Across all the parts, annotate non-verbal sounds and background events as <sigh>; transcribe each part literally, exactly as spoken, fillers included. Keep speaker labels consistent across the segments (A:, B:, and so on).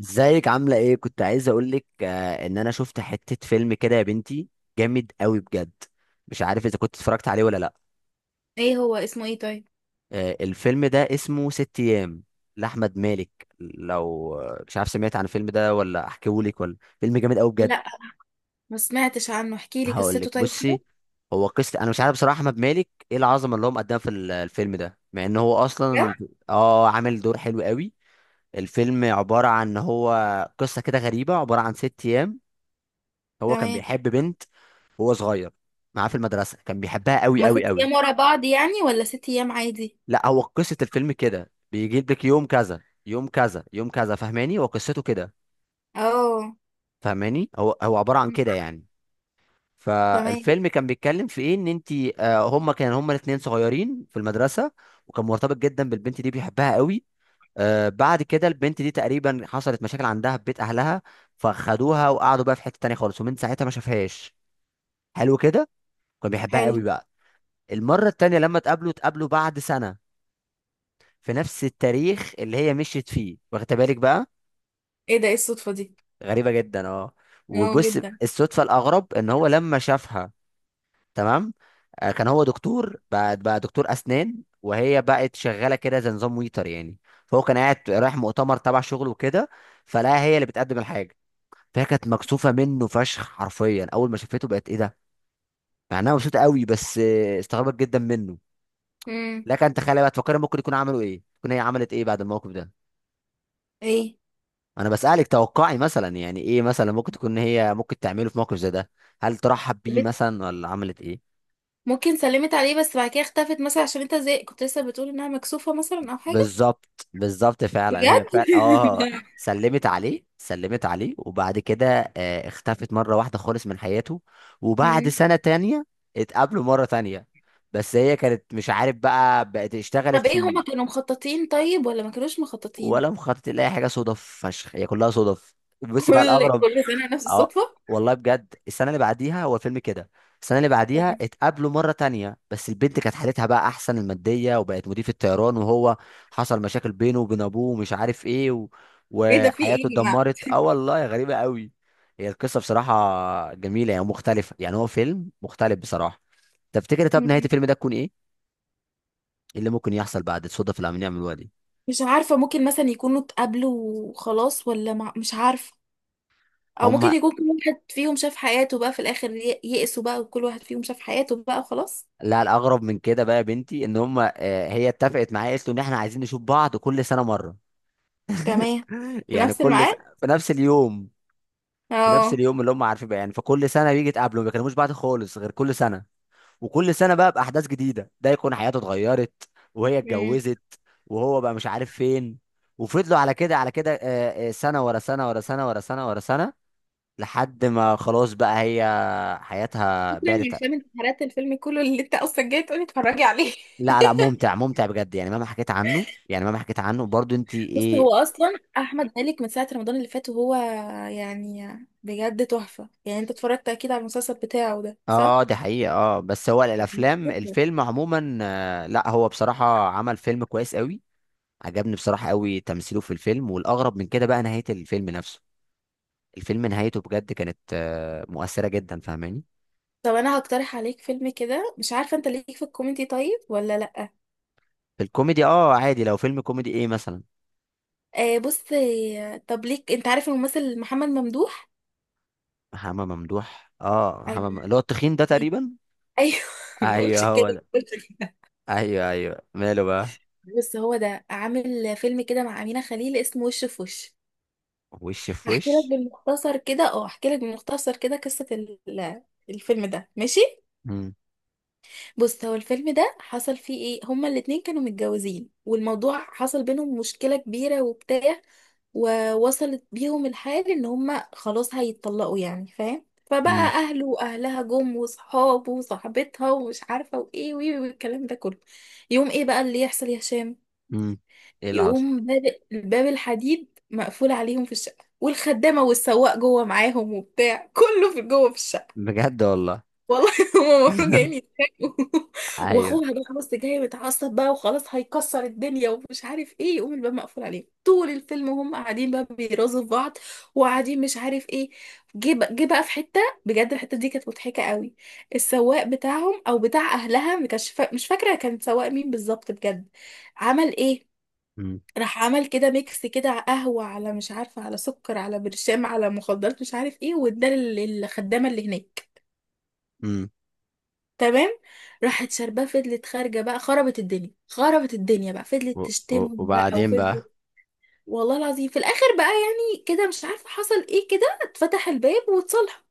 A: ازيك، عاملة ايه؟ كنت عايز اقولك آه ان انا شفت حتة فيلم كده يا بنتي. جامد قوي بجد. مش عارف اذا كنت اتفرجت عليه ولا لا.
B: ايه هو اسمه ايه طيب.
A: آه، الفيلم ده اسمه ست ايام لاحمد مالك. لو آه، مش عارف سمعت عن الفيلم ده ولا احكيهولك؟ ولا فيلم جامد قوي بجد.
B: لا، ما سمعتش عنه، احكي لي
A: هقولك
B: قصته طيب كده.
A: بصي. هو قصة، انا مش عارف بصراحة احمد مالك ايه العظمة اللي هو مقدمها في ال- الفيلم ده، مع ان هو
B: بجد؟
A: اصلا اه عامل دور حلو قوي. الفيلم عبارة عن ان هو قصة كده غريبة، عبارة عن ست ايام. هو كان
B: تمام.
A: بيحب بنت وهو صغير معاه في المدرسة، كان بيحبها قوي
B: هما
A: قوي
B: ست
A: قوي.
B: ايام ورا بعض يعني ولا ست ايام عادي.
A: لا، هو قصة الفيلم كده بيجيب لك يوم كذا يوم كذا يوم كذا، فاهماني؟ هو قصته كده.
B: اه
A: فاهماني؟ هو هو عبارة عن كده يعني.
B: تمام.
A: فالفيلم كان بيتكلم في ايه؟ ان انت هما كان هما الاتنين صغيرين في المدرسة، وكان مرتبط جدا بالبنت دي بيحبها قوي. آه، بعد كده البنت دي تقريبا حصلت مشاكل عندها في بيت اهلها، فخدوها وقعدوا بقى في حتة تانية خالص، ومن ساعتها ما شافهاش. حلو كده. كان بيحبها
B: حلو.
A: قوي بقى. المرة التانية لما اتقابلوا، اتقابلوا بعد سنة في نفس التاريخ اللي هي مشيت فيه، واخد بالك بقى؟
B: ايه ده، ايه الصدفة دي.
A: غريبة جدا اه.
B: اه
A: وبص،
B: جدا.
A: الصدفة الأغرب إن هو لما شافها، تمام، آه، كان هو دكتور بقى، بقى دكتور أسنان، وهي بقت شغالة كده زي نظام ويتر يعني. فهو كان قاعد رايح مؤتمر تبع شغله وكده، فلاقيها هي اللي بتقدم الحاجة. فهي كانت مكسوفة منه فشخ، حرفيا أول ما شافته بقت إيه ده؟ مع إنها مبسوطة قوي، بس آه، استغربت جدا منه.
B: امم.
A: لكن تخيل بقى، تفكر ممكن يكون عملوا إيه، تكون هي عملت إيه بعد الموقف ده.
B: ايه.
A: انا بسألك توقعي مثلا يعني، ايه مثلا ممكن تكون هي ممكن تعمله في موقف زي ده؟ هل ترحب بيه
B: بت-
A: مثلا ولا عملت ايه؟
B: ممكن سلمت عليه بس بعد كده اختفت مثلا، عشان انت زي كنت لسه بتقول انها مكسوفة مثلا او حاجة.
A: بالظبط، بالظبط، فعلا
B: بجد.
A: هي فعلا اه.
B: <laughs>
A: سلمت عليه، سلمت عليه، وبعد كده آه، اختفت مرة واحدة خالص من حياته. وبعد
B: مم.
A: سنة تانية اتقابلوا مرة تانية، بس هي كانت مش عارف بقى بقت
B: طب
A: اشتغلت في...
B: ايه، هما كانوا مخططين طيب ولا ما كانوش مخططين.
A: ولا مخطط لأي حاجة، صدف فشخ، هي كلها صدف.
B: <laughs>
A: بس بقى
B: كل
A: الأغرب،
B: كل سنة نفس
A: اه
B: الصدفة.
A: والله بجد، السنه اللي بعديها هو الفيلم كده. السنه اللي بعديها
B: تمام.
A: اتقابلوا مره تانية، بس البنت كانت حالتها بقى احسن الماديه، وبقت مضيف الطيران، وهو حصل مشاكل بينه وبين ابوه ومش عارف ايه و...
B: ايه ده، في ايه
A: وحياته
B: يا جماعة.
A: اتدمرت اه والله، غريبه قوي. هي القصه بصراحه جميله يعني، مختلفه يعني، هو فيلم مختلف بصراحه. تفتكر طب نهايه الفيلم ده تكون ايه؟ إيه اللي ممكن يحصل بعد الصدف اللي عم يعملوها دي؟
B: مش عارفة، ممكن مثلا يكونوا اتقابلوا وخلاص، ولا مع... مش عارفة. او
A: هم.
B: ممكن يكون كل واحد فيهم شاف حياته بقى في الاخر، ي- يئسوا بقى، وكل واحد فيهم شاف حياته بقى وخلاص.
A: لا، الاغرب من كده بقى يا بنتي ان هم آه، هي اتفقت معايا، قالت له ان احنا عايزين نشوف بعض كل سنه مره. <laughs>
B: تمام. في
A: يعني
B: نفس
A: كل س...
B: الميعاد.
A: في نفس اليوم. في نفس
B: اه.
A: اليوم اللي هم عارفين بقى يعني. فكل سنه بيجي يتقابلوا، ما بيكلموش بعض خالص غير كل سنه. وكل سنه بقى باحداث جديده، ده يكون حياته اتغيرت وهي
B: امم.
A: اتجوزت، وهو بقى مش عارف فين. وفضلوا على كده، على كده، آه، آه، سنه ورا سنه ورا سنه ورا سنه ورا سنه، لحد ما خلاص بقى هي حياتها
B: فكرة من
A: بعدت.
B: افلام انتحارات الفيلم كله اللي انت اصلا جاي تقولي اتفرجي عليه.
A: لا لا،
B: <laughs>
A: ممتع ممتع بجد، يعني مهما حكيت عنه، يعني مهما حكيت عنه برضو انت
B: بص،
A: ايه.
B: هو اصلا احمد مالك من ساعة رمضان اللي فات وهو يعني بجد تحفة، يعني انت اتفرجت اكيد على المسلسل بتاعه ده
A: اه
B: صح؟
A: دي حقيقة، اه، بس هو
B: جميل
A: الافلام
B: جدا.
A: الفيلم عموما، آه، لا هو بصراحة عمل فيلم كويس قوي. عجبني بصراحة قوي تمثيله في الفيلم، والاغرب من كده بقى نهاية الفيلم نفسه. الفيلم نهايته بجد كانت آه، مؤثرة جدا، فاهماني؟
B: طب انا هقترح عليك فيلم كده، مش عارفة انت ليك في الكوميدي طيب ولا لا.
A: في الكوميدي اه عادي، لو فيلم كوميدي ايه مثلا؟
B: آه بص آه، طب ليك، انت عارف الممثل محمد ممدوح.
A: محمد ممدوح، اه،
B: ايوه.
A: محمد مم- اللي هو التخين ده
B: أيوة.
A: تقريبا.
B: <laughs> ايوه. ما قلتش
A: ايوه
B: كده.
A: هو ده.
B: قلت كده.
A: ايوه ايوه، ماله بقى؟
B: بص، هو ده عامل فيلم كده مع أمينة خليل اسمه وش في وش.
A: وش في
B: هحكي لك
A: وش.
B: بالمختصر كده، اه هحكي لك بالمختصر كده قصة ال- الفيلم ده، ماشي.
A: مم.
B: بص، هو الفيلم ده حصل فيه ايه، هما الاتنين كانوا متجوزين والموضوع حصل بينهم مشكلة كبيرة وبتاع، ووصلت بيهم الحال ان هما خلاص هيتطلقوا يعني، فاهم؟ فبقى
A: مم.
B: اهله واهلها جم، وصحابه وصاحبتها ومش عارفه وايه وايه والكلام ده كله. يقوم ايه بقى اللي يحصل يا هشام؟
A: مم. ايه اللي حصل؟
B: يقوم باب، الباب الحديد مقفول عليهم في الشقه، والخدامه والسواق جوه معاهم وبتاع، كله في جوه في الشقه.
A: بجد والله.
B: والله. <laughs> هما المفروض جايين يتخانقوا. <laughs>
A: ايوه.
B: واخوها بقى، بص، جاي متعصب بقى وخلاص هيكسر الدنيا ومش عارف ايه، يقوم الباب مقفول عليه طول الفيلم، وهم قاعدين بقى بيرازوا في بعض وقاعدين مش عارف ايه. جه بقى، جه بقى في حته، بجد الحته دي كانت مضحكه قوي. السواق بتاعهم او بتاع اهلها، ما كانش فا... مش فاكره كان سواق مين بالظبط، بجد عمل ايه؟
A: مم.
B: راح عمل كده ميكس كده، على قهوه، على مش عارفه، على سكر، على برشام، على مخدرات مش عارف ايه، واداه لل- للخدامه اللي هناك.
A: مم.
B: تمام. راحت شاربة، فضلت خارجة بقى، خربت الدنيا، خربت الدنيا بقى، فضلت
A: و- و-
B: تشتمهم بقى
A: وبعدين بقى.
B: وفضلت. والله العظيم في الآخر بقى يعني كده مش عارفة حصل ايه، كده اتفتح الباب واتصالحوا.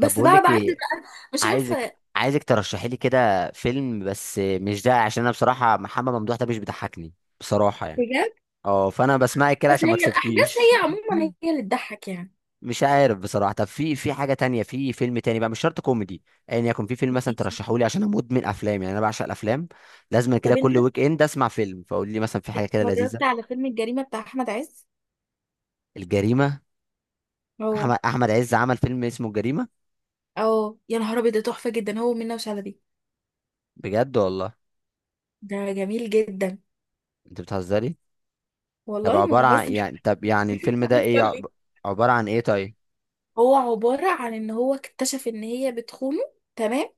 A: طب بقول
B: بقى،
A: لك
B: بعد
A: ايه،
B: بقى، مش
A: عايزك
B: عارفة
A: عايزك ترشحي لي كده فيلم بس مش ده، عشان انا بصراحه محمد ممدوح ده مش بيضحكني بصراحه يعني.
B: بجد.
A: اه، فانا بسمعك كده
B: بس
A: عشان ما
B: هي الأحداث
A: اكسبكيش.
B: هي عموما هي اللي تضحك يعني.
A: <laughs> مش عارف بصراحه. طب في في حاجه تانية، في فيلم تاني بقى مش شرط كوميدي. ايا يعني يكن في فيلم مثلا
B: ماشي.
A: ترشحوا لي، عشان انا مدمن افلام يعني، انا بعشق الافلام. لازم كده
B: طب انت
A: كل ويك اند اسمع فيلم. فقول لي مثلا في حاجه كده لذيذه.
B: اتفرجت على فيلم الجريمة بتاع أحمد عز؟
A: الجريمه؟
B: اه.
A: احمد احمد عز عمل فيلم اسمه الجريمه؟
B: اه يا نهار أبيض، ده تحفة جدا هو ومنة وشلبي.
A: بجد والله؟
B: ده جميل جدا.
A: انت بتهزري. طب
B: والله ما
A: عبارة عن
B: بهزر.
A: يعني، طب يعني الفيلم
B: <laughs>
A: ده ايه عب- عبارة عن ايه طيب؟
B: هو عبارة عن ان هو اكتشف ان هي بتخونه. تمام.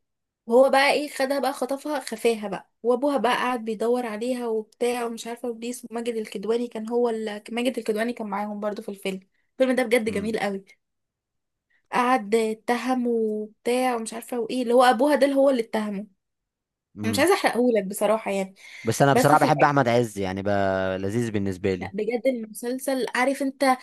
B: وهو بقى ايه، خدها بقى، خطفها، خفاها بقى، وابوها بقى قاعد بيدور عليها وبتاع ومش عارفة، وبليس وماجد الكدواني كان هو ال... ماجد الكدواني كان معاهم برضو في الفيلم. الفيلم ده بجد
A: مم.
B: جميل قوي. قعد اتهمه وبتاع ومش عارفة وايه، اللي هو ابوها ده اللي هو اللي اتهمه. أنا مش
A: امم.
B: عايزة احرقهولك بصراحة يعني.
A: بس انا
B: بس
A: بصراحة
B: في
A: بحب
B: الاخر،
A: احمد عز، يعني بقى لذيذ بالنسبة
B: لا
A: لي.
B: بجد، المسلسل عارف انت،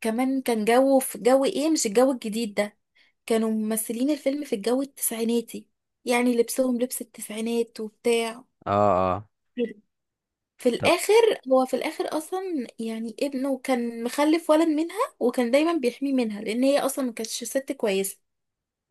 B: كمان كان جو، في جو ايه، مش الجو الجديد ده، كانوا ممثلين الفيلم في الجو التسعيناتي، يعني لبسهم لبس التسعينات وبتاع
A: اه. اه.
B: كده. في
A: طب.
B: الاخر، هو في الاخر اصلا يعني ابنه كان مخلف ولد منها، وكان دايما بيحميه منها لان هي اصلا ما كانتش ست كويسه.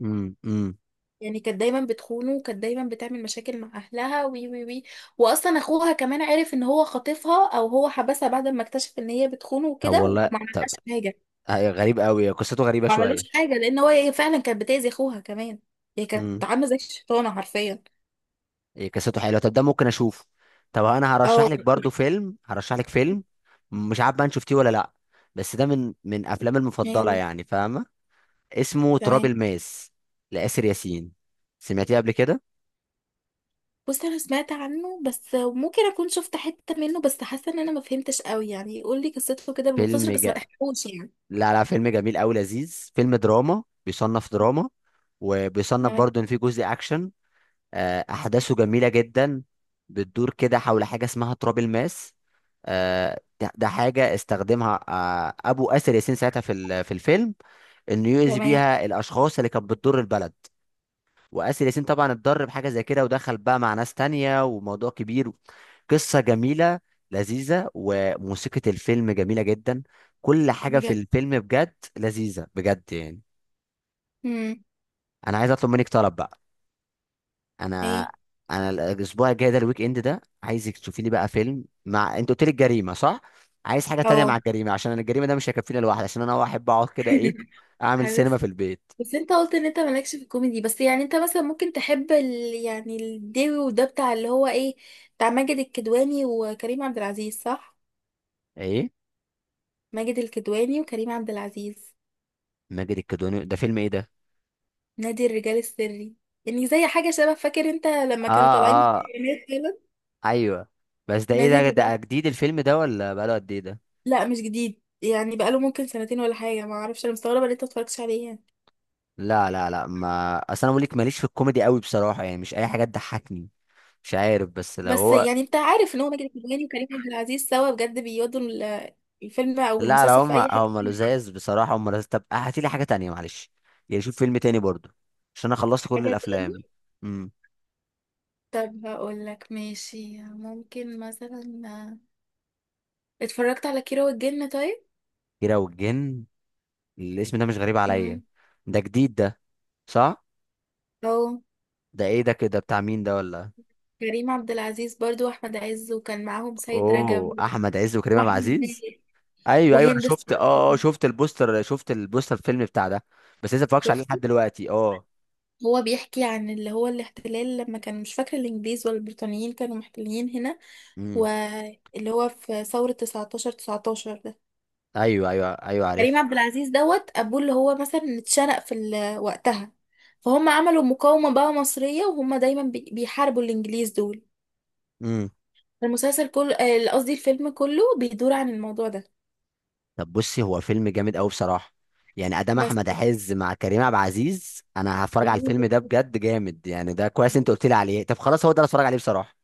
A: امم. امم.
B: يعني كانت دايما بتخونه، وكانت دايما بتعمل مشاكل مع اهلها، وي وي وي. واصلا اخوها كمان عرف ان هو خاطفها او هو حبسها بعد ما اكتشف ان هي بتخونه
A: طب
B: وكده
A: والله.
B: وما
A: طب
B: عملهاش حاجه.
A: هي غريب قوي، قصته غريبة
B: ما عملوش
A: شوية.
B: حاجه لان هو هي فعلا كانت بتاذي اخوها كمان. هي كانت
A: امم.
B: عامله زي الشيطانه حرفيا.
A: إيه قصته حلوة، طب ده ممكن اشوفه. طب انا هرشح
B: اه.
A: لك برضو فيلم، هرشح لك فيلم، مش عارف بقى انت شفتيه ولا لا. بس ده من من افلامي المفضلة
B: ايوه.
A: يعني، فاهمة؟ اسمه تراب
B: تمام.
A: الماس لآسر ياسين، سمعتيه قبل كده؟
B: بص، انا سمعت عنه بس ممكن اكون شفت حته منه، بس حاسه ان انا ما فهمتش قوي، يعني قول لي قصته كده
A: فيلم
B: بالمختصر بس ما
A: جا...
B: تحكوش يعني.
A: لا لا، فيلم جميل قوي لذيذ. فيلم دراما، بيصنف دراما، وبيصنف
B: تمام.
A: برضه ان في جزء اكشن. آه، احداثه جميله جدا، بتدور كده حول حاجه اسمها تراب الماس. آه، ده ده حاجه استخدمها آه، ابو اسر ياسين ساعتها في ال- في الفيلم، انه يؤذي
B: تمام.
A: بيها الاشخاص اللي كانت بتضر البلد. واسر ياسين طبعا اتضر بحاجه زي كده، ودخل بقى مع ناس تانية وموضوع كبير. قصة جميلة لذيذة، وموسيقى الفيلم جميلة جدا. كل حاجة في
B: بجد.
A: الفيلم بجد لذيذة بجد يعني.
B: امم.
A: أنا عايز أطلب منك طلب بقى.
B: ايه.
A: أنا أنا الأسبوع الجاي ده، الويك إند ده، عايزك تشوفي لي بقى فيلم، مع أنت قلت لي الجريمة، صح؟ عايز حاجة تانية مع
B: اه.
A: الجريمة، عشان أنا الجريمة ده مش هيكفيني لوحدي، عشان أنا أحب أقعد كده إيه،
B: <laughs>
A: أعمل سينما
B: عارف،
A: في البيت.
B: بس انت قلت ان انت مالكش في الكوميدي، بس يعني انت مثلا ممكن تحب ال... يعني الديوي وده بتاع اللي هو ايه، بتاع ماجد الكدواني وكريم عبد العزيز، صح؟
A: إيه؟
B: ماجد الكدواني وكريم عبد العزيز.
A: ماجد الكدواني ده فيلم إيه ده؟
B: نادي الرجال السري، يعني زي حاجه شبه، فاكر انت لما كانوا
A: آه.
B: طالعين،
A: آه. أيوه. بس ده إيه
B: نادي
A: ده؟
B: الرجال.
A: ده جديد الفيلم ده ولا بقاله قد إيه ده؟
B: لا مش جديد يعني، بقاله ممكن سنتين ولا حاجه، ما اعرفش، انا مستغربه ان انت متفرجتش عليه يعني.
A: لا لا لا، ما اصل انا بقول لك ماليش في الكوميدي قوي بصراحه، يعني مش اي حاجه تضحكني. مش عارف، بس لو
B: بس
A: هو...
B: يعني انت عارف ان هو ماجد الكدواني وكريم عبد العزيز سوا، بجد بيودوا ال- الفيلم او
A: لا لا،
B: المسلسل في
A: هم
B: اي حته.
A: هم لزاز بصراحه، هم لزاز. طب هاتي لي حاجه تانية معلش، يعني شوف فيلم تاني برضو عشان انا خلصت كل
B: حاجه تاني.
A: الافلام. امم.
B: طب هقول لك ماشي، ممكن مثلا، اتفرجت على كيرة والجن طيب؟
A: كيرة والجن. الاسم ده مش غريب عليا.
B: امم.
A: ده جديد ده، صح؟
B: او.
A: ده ايه ده كده بتاع مين ده ولا؟
B: كريم عبد العزيز برضو واحمد عز، وكان معاهم سيد
A: اوه،
B: رجب،
A: احمد عز وكريم عبد
B: واحمد
A: العزيز.
B: مالك
A: ايوه ايوه، انا
B: وهند
A: شفت
B: صبري.
A: اه، آه، شفت البوستر، شفت البوستر الفيلم بتاع ده. بس لسه ما اتفرجتش عليه
B: شفت.
A: لحد دلوقتي اه.
B: هو بيحكي عن اللي هو الاحتلال لما كان مش فاكرة الإنجليز ولا البريطانيين كانوا محتلين هنا،
A: امم.
B: واللي هو في ثورة تسعة عشر تسعة عشر ده.
A: ايوه ايوه ايوه
B: كريم
A: عارف.
B: عبد العزيز دوت أبوه اللي هو مثلا اتشنق في ال- وقتها، فهم عملوا مقاومة بقى مصرية، وهم دايما بي- بيحاربوا الإنجليز دول.
A: امم.
B: المسلسل كله، آه، قصدي الفيلم كله بيدور عن الموضوع ده.
A: طب بصي هو فيلم جامد قوي بصراحه، يعني ادام
B: بس
A: احمد عز مع كريم عبد العزيز انا هتفرج على الفيلم ده بجد، جامد يعني. ده كويس انت قلت لي عليه، طب خلاص هو ده اللي اتفرج عليه بصراحه.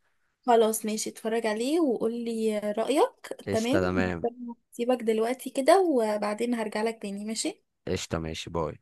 B: خلاص ماشي، اتفرج عليه وقولي رأيك،
A: قشطه
B: تمام؟ بس
A: تمام.
B: أنا هسيبك دلوقتي كده وبعدين هرجع لك تاني، ماشي.
A: قشطه، ماشي، باي.